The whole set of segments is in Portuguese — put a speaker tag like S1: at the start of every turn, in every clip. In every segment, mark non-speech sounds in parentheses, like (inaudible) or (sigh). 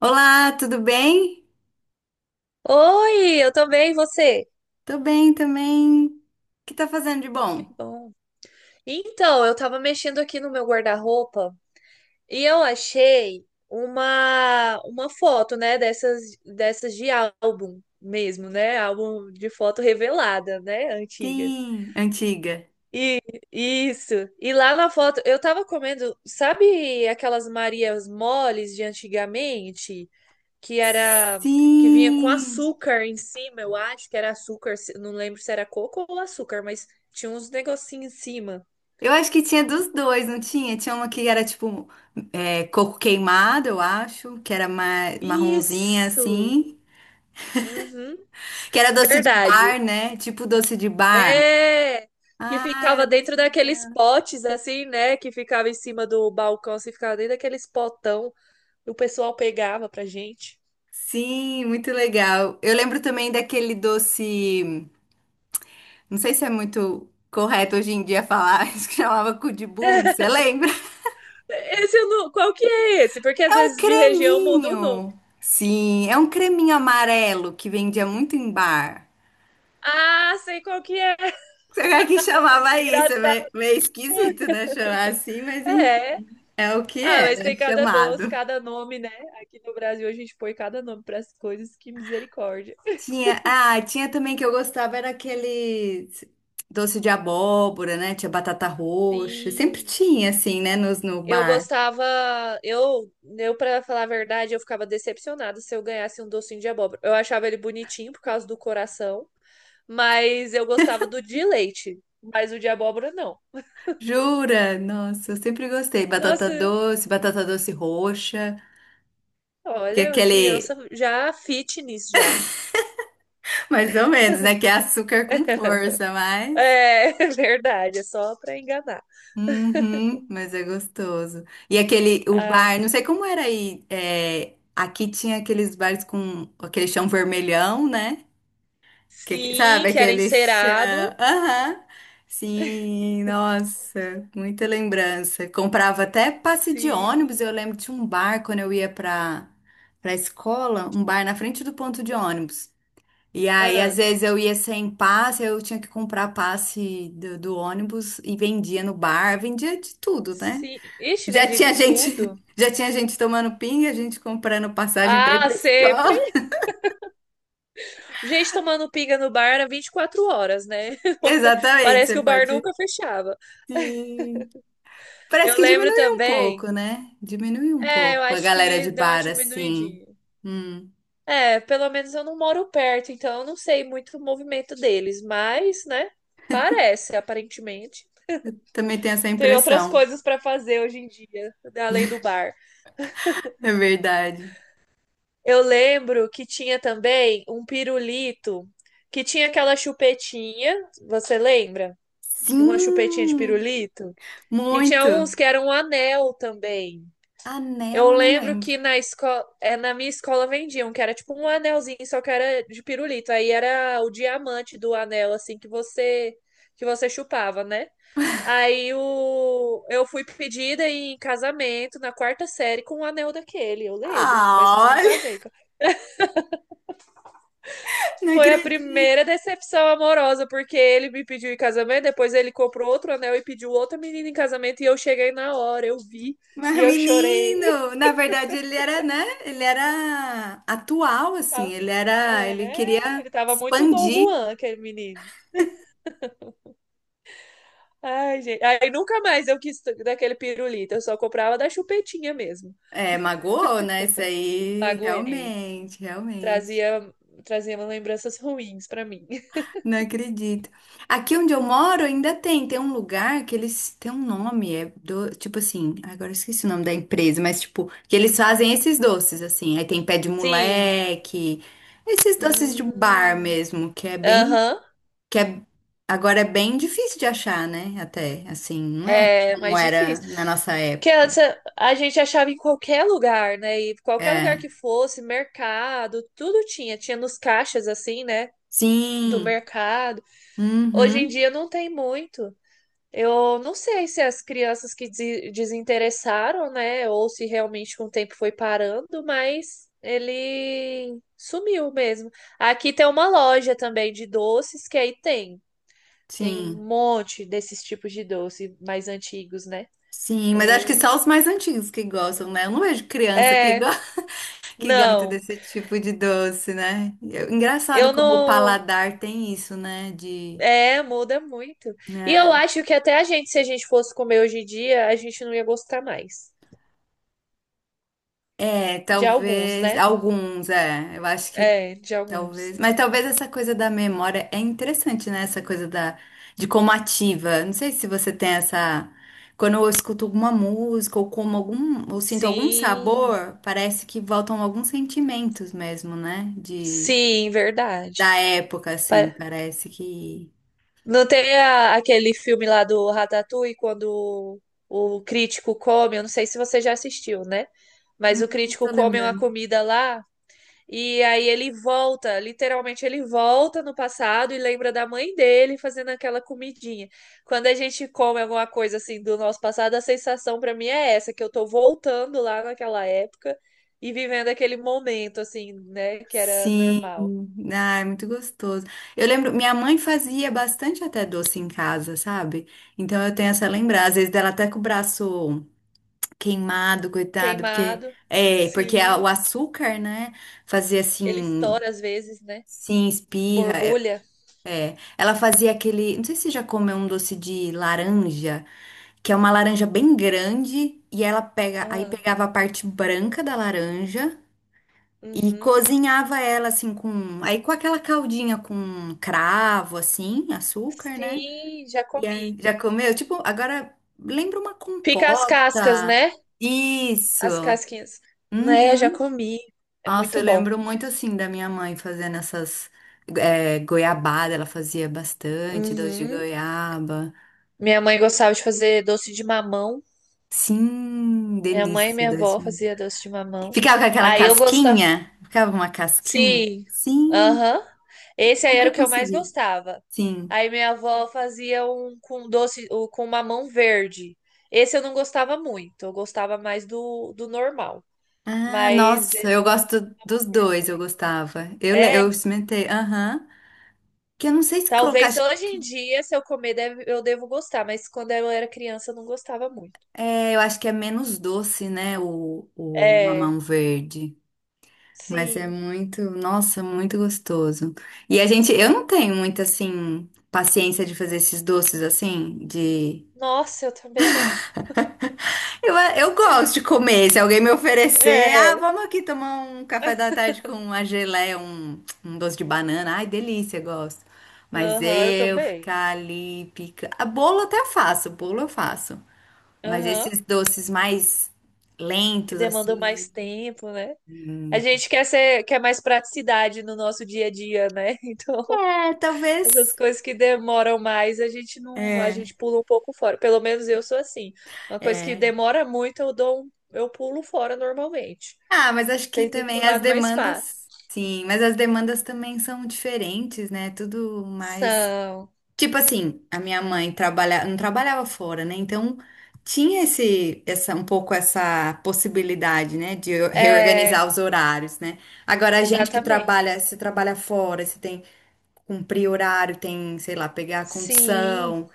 S1: Olá, tudo bem?
S2: Oi, eu também, e você?
S1: Tô bem também. O que tá fazendo de
S2: Que
S1: bom?
S2: bom. Então, eu tava mexendo aqui no meu guarda-roupa e eu achei uma foto, né, dessas de álbum mesmo, né? Álbum de foto revelada, né, antiga.
S1: Sim, antiga.
S2: E isso. E lá na foto eu tava comendo, sabe aquelas Marias moles de antigamente? Que era que vinha com
S1: Sim.
S2: açúcar em cima, eu acho que era açúcar, não lembro se era coco ou açúcar, mas tinha uns negocinhos em cima.
S1: Eu acho que tinha dos dois, não tinha? Tinha uma que era tipo é, coco queimado, eu acho, que era marronzinha
S2: Isso.
S1: assim,
S2: Uhum.
S1: que era doce de bar,
S2: Verdade.
S1: né? Tipo doce de bar.
S2: É. Que
S1: Ah,
S2: ficava
S1: era muito
S2: dentro daqueles
S1: legal.
S2: potes assim, né, que ficava em cima do balcão, assim, ficava dentro daqueles potão, e o pessoal pegava pra gente.
S1: Sim, muito legal. Eu lembro também daquele doce. Não sei se é muito correto hoje em dia falar (laughs) isso que chamava cu de burro,
S2: (laughs)
S1: você lembra?
S2: Esse eu não... Qual que é esse? Porque às
S1: É um
S2: vezes de região muda o nome.
S1: creminho. Sim, é um creminho amarelo que vendia muito em bar.
S2: Ah, sei qual que é.
S1: Será que
S2: (laughs) Que
S1: chamava isso? É
S2: engraçado.
S1: meio, meio esquisito, né? Chamar assim, mas
S2: É.
S1: enfim, é o que
S2: Ah, mas
S1: era
S2: tem cada doce,
S1: chamado.
S2: cada nome, né? Aqui no Brasil a gente põe cada nome para as coisas, que misericórdia.
S1: Tinha também que eu gostava era aquele doce de abóbora, né? Tinha batata roxa. Sempre
S2: Sim.
S1: tinha, assim, né? No
S2: Eu
S1: bar.
S2: gostava, eu para falar a verdade, eu ficava decepcionada se eu ganhasse um docinho de abóbora. Eu achava ele bonitinho por causa do coração, mas eu gostava do de leite, mas o de abóbora não.
S1: Jura? Nossa, eu sempre gostei.
S2: Nossa,
S1: Batata doce roxa, que é
S2: olha, criança
S1: aquele,
S2: já fitness já.
S1: (laughs) mais ou menos, né? Que é açúcar com
S2: (laughs)
S1: força, mas.
S2: É, (laughs) verdade, é só para enganar.
S1: Uhum, mas é gostoso. E aquele, o
S2: Ah,
S1: bar, não sei como era aí. Aqui tinha aqueles bares com aquele chão vermelhão, né?
S2: sim,
S1: Sabe
S2: que era
S1: aquele chão?
S2: encerado.
S1: Aham. Sim, nossa, muita lembrança. Comprava até passe de ônibus.
S2: Sim.
S1: Eu lembro de um bar quando eu ia para escola, um bar na frente do ponto de ônibus. E aí, às
S2: Ah,
S1: vezes eu ia sem passe, eu tinha que comprar passe do ônibus e vendia no bar, vendia de tudo, né?
S2: sim. Ixi,
S1: Já
S2: vende
S1: tinha
S2: de
S1: gente,
S2: tudo.
S1: (laughs) já tinha gente tomando pinga, gente comprando passagem para ir
S2: Ah,
S1: para
S2: sempre.
S1: escola.
S2: Gente tomando pinga no bar era 24 horas, né?
S1: (laughs)
S2: (laughs)
S1: Exatamente,
S2: Parece
S1: você
S2: que o bar
S1: pode.
S2: nunca fechava.
S1: Sim. Parece
S2: Eu
S1: que
S2: lembro
S1: diminuiu um
S2: também.
S1: pouco, né? Diminuiu um
S2: É, eu
S1: pouco a
S2: acho
S1: galera
S2: que
S1: de
S2: deu uma
S1: bar, assim.
S2: diminuidinha.
S1: Hum,
S2: É, pelo menos eu não moro perto, então eu não sei muito o movimento deles, mas, né? Parece, aparentemente.
S1: Também tem essa
S2: Tem outras
S1: impressão.
S2: coisas pra fazer hoje em dia, além do bar.
S1: É verdade.
S2: Eu lembro que tinha também um pirulito que tinha aquela chupetinha, você lembra? Uma chupetinha de
S1: Sim,
S2: pirulito. E tinha
S1: muito.
S2: uns que eram um anel também. Eu
S1: Anel, eu não
S2: lembro
S1: lembro.
S2: que na escola, é, na minha escola vendiam, que era tipo um anelzinho, só que era de pirulito. Aí era o diamante do anel, assim, que você chupava, né? Aí o... eu fui pedida em casamento na quarta série com um anel daquele, eu lembro, mas
S1: Ah,
S2: eu não
S1: olha,
S2: casei.
S1: (laughs) não
S2: Foi a
S1: acredito.
S2: primeira decepção amorosa, porque ele me pediu em casamento, depois ele comprou outro anel e pediu outra menina em casamento, e eu cheguei na hora, eu vi e
S1: Mas,
S2: eu chorei. (laughs)
S1: menino, na verdade, ele era, né? Ele era atual, assim.
S2: Tá?
S1: Ele
S2: É,
S1: queria
S2: ele tava muito Dom
S1: expandir.
S2: Juan, aquele menino. Ai, gente. Aí nunca mais eu quis daquele pirulito, eu só comprava da chupetinha mesmo.
S1: É, magoou, né? Isso aí,
S2: Magoei.
S1: realmente, realmente.
S2: Trazia, trazia lembranças ruins pra mim. (laughs)
S1: Não acredito. Aqui onde eu moro ainda tem um lugar que eles têm um nome, é do, tipo assim, agora eu esqueci o nome da empresa, mas tipo, que eles fazem esses doces assim. Aí tem pé de
S2: Sim.
S1: moleque, esses doces de bar
S2: Hum.
S1: mesmo, que é bem,
S2: Aham.
S1: que é agora é bem difícil de achar, né? Até assim, não é
S2: É
S1: como
S2: mais
S1: era
S2: difícil.
S1: na nossa
S2: Que
S1: época.
S2: antes a gente achava em qualquer lugar, né? E qualquer lugar que
S1: É.
S2: fosse, mercado, tudo tinha. Tinha nos caixas, assim, né? Do
S1: Sim.
S2: mercado. Hoje em
S1: Uhum.
S2: dia não tem muito. Eu não sei se as crianças que desinteressaram, né? Ou se realmente com o tempo foi parando, mas ele sumiu mesmo. Aqui tem uma loja também de doces, que aí tem. Tem um
S1: Sim.
S2: monte desses tipos de doce mais antigos, né?
S1: Sim, mas acho que só
S2: Eu...
S1: os mais antigos que gostam, né? Eu não vejo criança que
S2: É,
S1: gosta. Que gosta muito
S2: não.
S1: desse tipo de doce, né? E é engraçado
S2: Eu
S1: como o
S2: não.
S1: paladar tem isso, né? De,
S2: É, muda muito. E eu
S1: né?
S2: acho que até a gente, se a gente fosse comer hoje em dia, a gente não ia gostar mais.
S1: É,
S2: De alguns,
S1: talvez
S2: né?
S1: alguns, é. Eu acho que
S2: É, de alguns.
S1: talvez, mas talvez essa coisa da memória é interessante, né? Essa coisa da de como ativa. Não sei se você tem essa. Quando eu escuto alguma música ou como algum, ou sinto algum
S2: Sim,
S1: sabor, parece que voltam alguns sentimentos mesmo, né? De
S2: sim, verdade.
S1: da época assim,
S2: Pa-
S1: parece que.
S2: Não tem aquele filme lá do Ratatouille, quando o crítico come, eu não sei se você já assistiu, né? Mas o
S1: Hum,
S2: crítico
S1: Tô
S2: come uma
S1: lembrando.
S2: comida lá. E aí ele volta, literalmente ele volta no passado e lembra da mãe dele fazendo aquela comidinha. Quando a gente come alguma coisa assim do nosso passado, a sensação pra mim é essa, que eu tô voltando lá naquela época e vivendo aquele momento assim, né, que era
S1: Sim,
S2: normal.
S1: é muito gostoso. Eu lembro, minha mãe fazia bastante até doce em casa, sabe? Então eu tenho essa lembrança, às vezes dela até com o braço queimado, coitado, porque
S2: Queimado,
S1: o
S2: sim,
S1: açúcar, né, fazia
S2: ele
S1: assim,
S2: estoura às vezes, né?
S1: sim, espirra, é,
S2: Borbulha.
S1: é. Ela fazia aquele, não sei se você já comeu um doce de laranja, que é uma laranja bem grande e ela pega, aí
S2: Ah,
S1: pegava a parte branca da laranja e
S2: uhum.
S1: cozinhava ela assim com aquela caldinha com cravo assim, açúcar, né?
S2: Sim, já
S1: E
S2: comi.
S1: aí, já comeu? Tipo, agora lembra uma
S2: Fica as cascas,
S1: compota.
S2: né?
S1: Isso.
S2: As casquinhas. Né, já
S1: Uhum.
S2: comi. É
S1: Nossa,
S2: muito
S1: eu
S2: bom.
S1: lembro muito assim da minha mãe fazendo essas goiabada, ela fazia bastante doce de
S2: Uhum.
S1: goiaba.
S2: Minha mãe gostava de fazer doce de mamão.
S1: Sim,
S2: Minha mãe e
S1: delícia
S2: minha avó
S1: doce. De-
S2: fazia doce de mamão.
S1: Ficava com aquela
S2: Aí eu gostava.
S1: casquinha? Ficava uma casquinha?
S2: Sim.
S1: Sim,
S2: Aham. Esse aí era
S1: nunca
S2: o que eu mais
S1: consegui.
S2: gostava.
S1: Sim.
S2: Aí minha avó fazia um com doce, com mamão verde. Esse eu não gostava muito. Eu gostava mais do normal.
S1: Ah,
S2: Mas
S1: nossa, eu
S2: ela fazia
S1: gosto dos
S2: mamão verde
S1: dois, eu
S2: também.
S1: gostava. Eu
S2: É,
S1: experimentei, aham. Que eu não sei se colocar.
S2: talvez hoje em dia, se eu comer, eu devo gostar. Mas quando eu era criança, eu não gostava muito.
S1: É, eu acho que é menos doce, né? O mamão
S2: É,
S1: verde. Mas é
S2: sim.
S1: muito, nossa, muito gostoso. Eu não tenho muita, assim, paciência de fazer esses doces assim, de.
S2: Nossa, eu também não.
S1: Eu gosto de comer. Se alguém me oferecer, ah,
S2: É.
S1: vamos aqui tomar um café da tarde com
S2: (laughs)
S1: uma geleia, um doce de banana. Ai, delícia, gosto. Mas
S2: Aham, eu
S1: eu
S2: também.
S1: ficar ali pica. A bolo até faço, bolo eu faço. Mas
S2: Aham.
S1: esses doces mais
S2: Que
S1: lentos,
S2: demanda mais
S1: assim.
S2: tempo, né? A
S1: hum,
S2: gente quer ser, quer mais praticidade no nosso dia a dia, né? (laughs) Então,
S1: É,
S2: essas
S1: talvez.
S2: coisas que demoram mais, a gente não, a gente
S1: É,
S2: pula um pouco fora. Pelo menos eu sou assim. Uma coisa que
S1: é.
S2: demora muito, eu dou, eu pulo fora normalmente.
S1: Ah, mas acho que
S2: Tento ir pro
S1: também as
S2: lado mais fácil.
S1: demandas. Sim, mas as demandas também são diferentes, né? Tudo mais.
S2: São.
S1: Tipo assim, a minha mãe não trabalhava fora, né? Então tinha um pouco essa possibilidade, né, de eu
S2: É,
S1: reorganizar os horários, né? Agora a gente que
S2: exatamente.
S1: trabalha, se trabalha fora, se tem que cumprir horário, tem, sei lá, pegar a
S2: Sim,
S1: condição,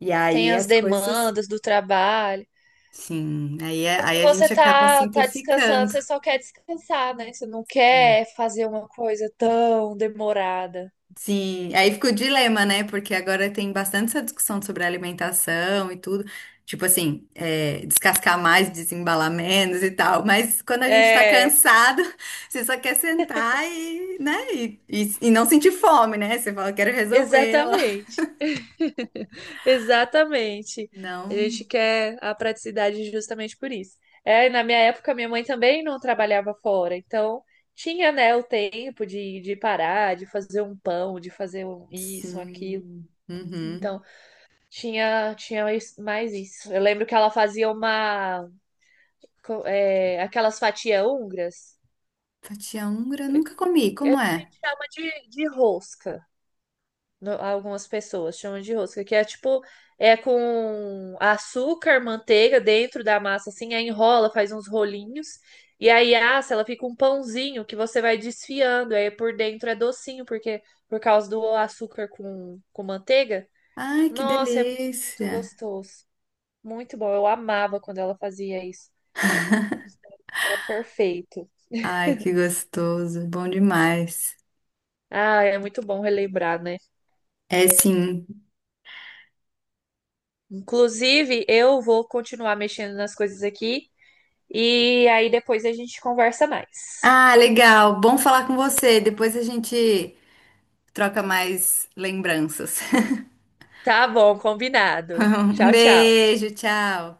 S1: e
S2: tem
S1: aí
S2: as
S1: as coisas,
S2: demandas do trabalho.
S1: sim, aí, é-
S2: Quando
S1: aí a
S2: você
S1: gente acaba
S2: tá, tá descansando,
S1: simplificando.
S2: você só quer descansar, né? Você não quer fazer uma coisa tão demorada.
S1: Sim, aí fica o dilema, né? Porque agora tem bastante essa discussão sobre alimentação e tudo. Tipo assim, descascar mais, desembalar menos e tal. Mas quando a gente tá
S2: É,
S1: cansado, (laughs) você só quer sentar e, né? E não sentir fome, né? Você fala, quero resolver ela. (laughs)
S2: exatamente. (laughs) Exatamente. A
S1: Não,
S2: gente quer a praticidade justamente por isso. É, e na minha época, minha mãe também não trabalhava fora, então tinha, né, o tempo de parar, de fazer um pão, de fazer um isso, um aquilo.
S1: sim. Uhum.
S2: Então, tinha, tinha mais isso. Eu lembro que ela fazia uma é, aquelas fatias húngaras,
S1: Fatia húngara, nunca comi. Como é?
S2: chama de rosca. Algumas pessoas chamam de rosca, que é tipo, é com açúcar, manteiga dentro da massa, assim, aí enrola, faz uns rolinhos, e aí assa, ela fica um pãozinho que você vai desfiando, aí por dentro é docinho, porque por causa do açúcar com manteiga.
S1: Ai, que
S2: Nossa, é muito
S1: delícia.
S2: gostoso. Muito bom. Eu amava quando ela fazia isso. Era perfeito.
S1: Ai, que gostoso. Bom demais.
S2: Ah, é muito bom relembrar, né?
S1: É sim.
S2: Inclusive, eu vou continuar mexendo nas coisas aqui e aí depois a gente conversa mais.
S1: Ah, legal. Bom falar com você. Depois a gente troca mais lembranças. (laughs)
S2: Tá bom, combinado.
S1: Um
S2: Tchau, tchau.
S1: beijo, tchau.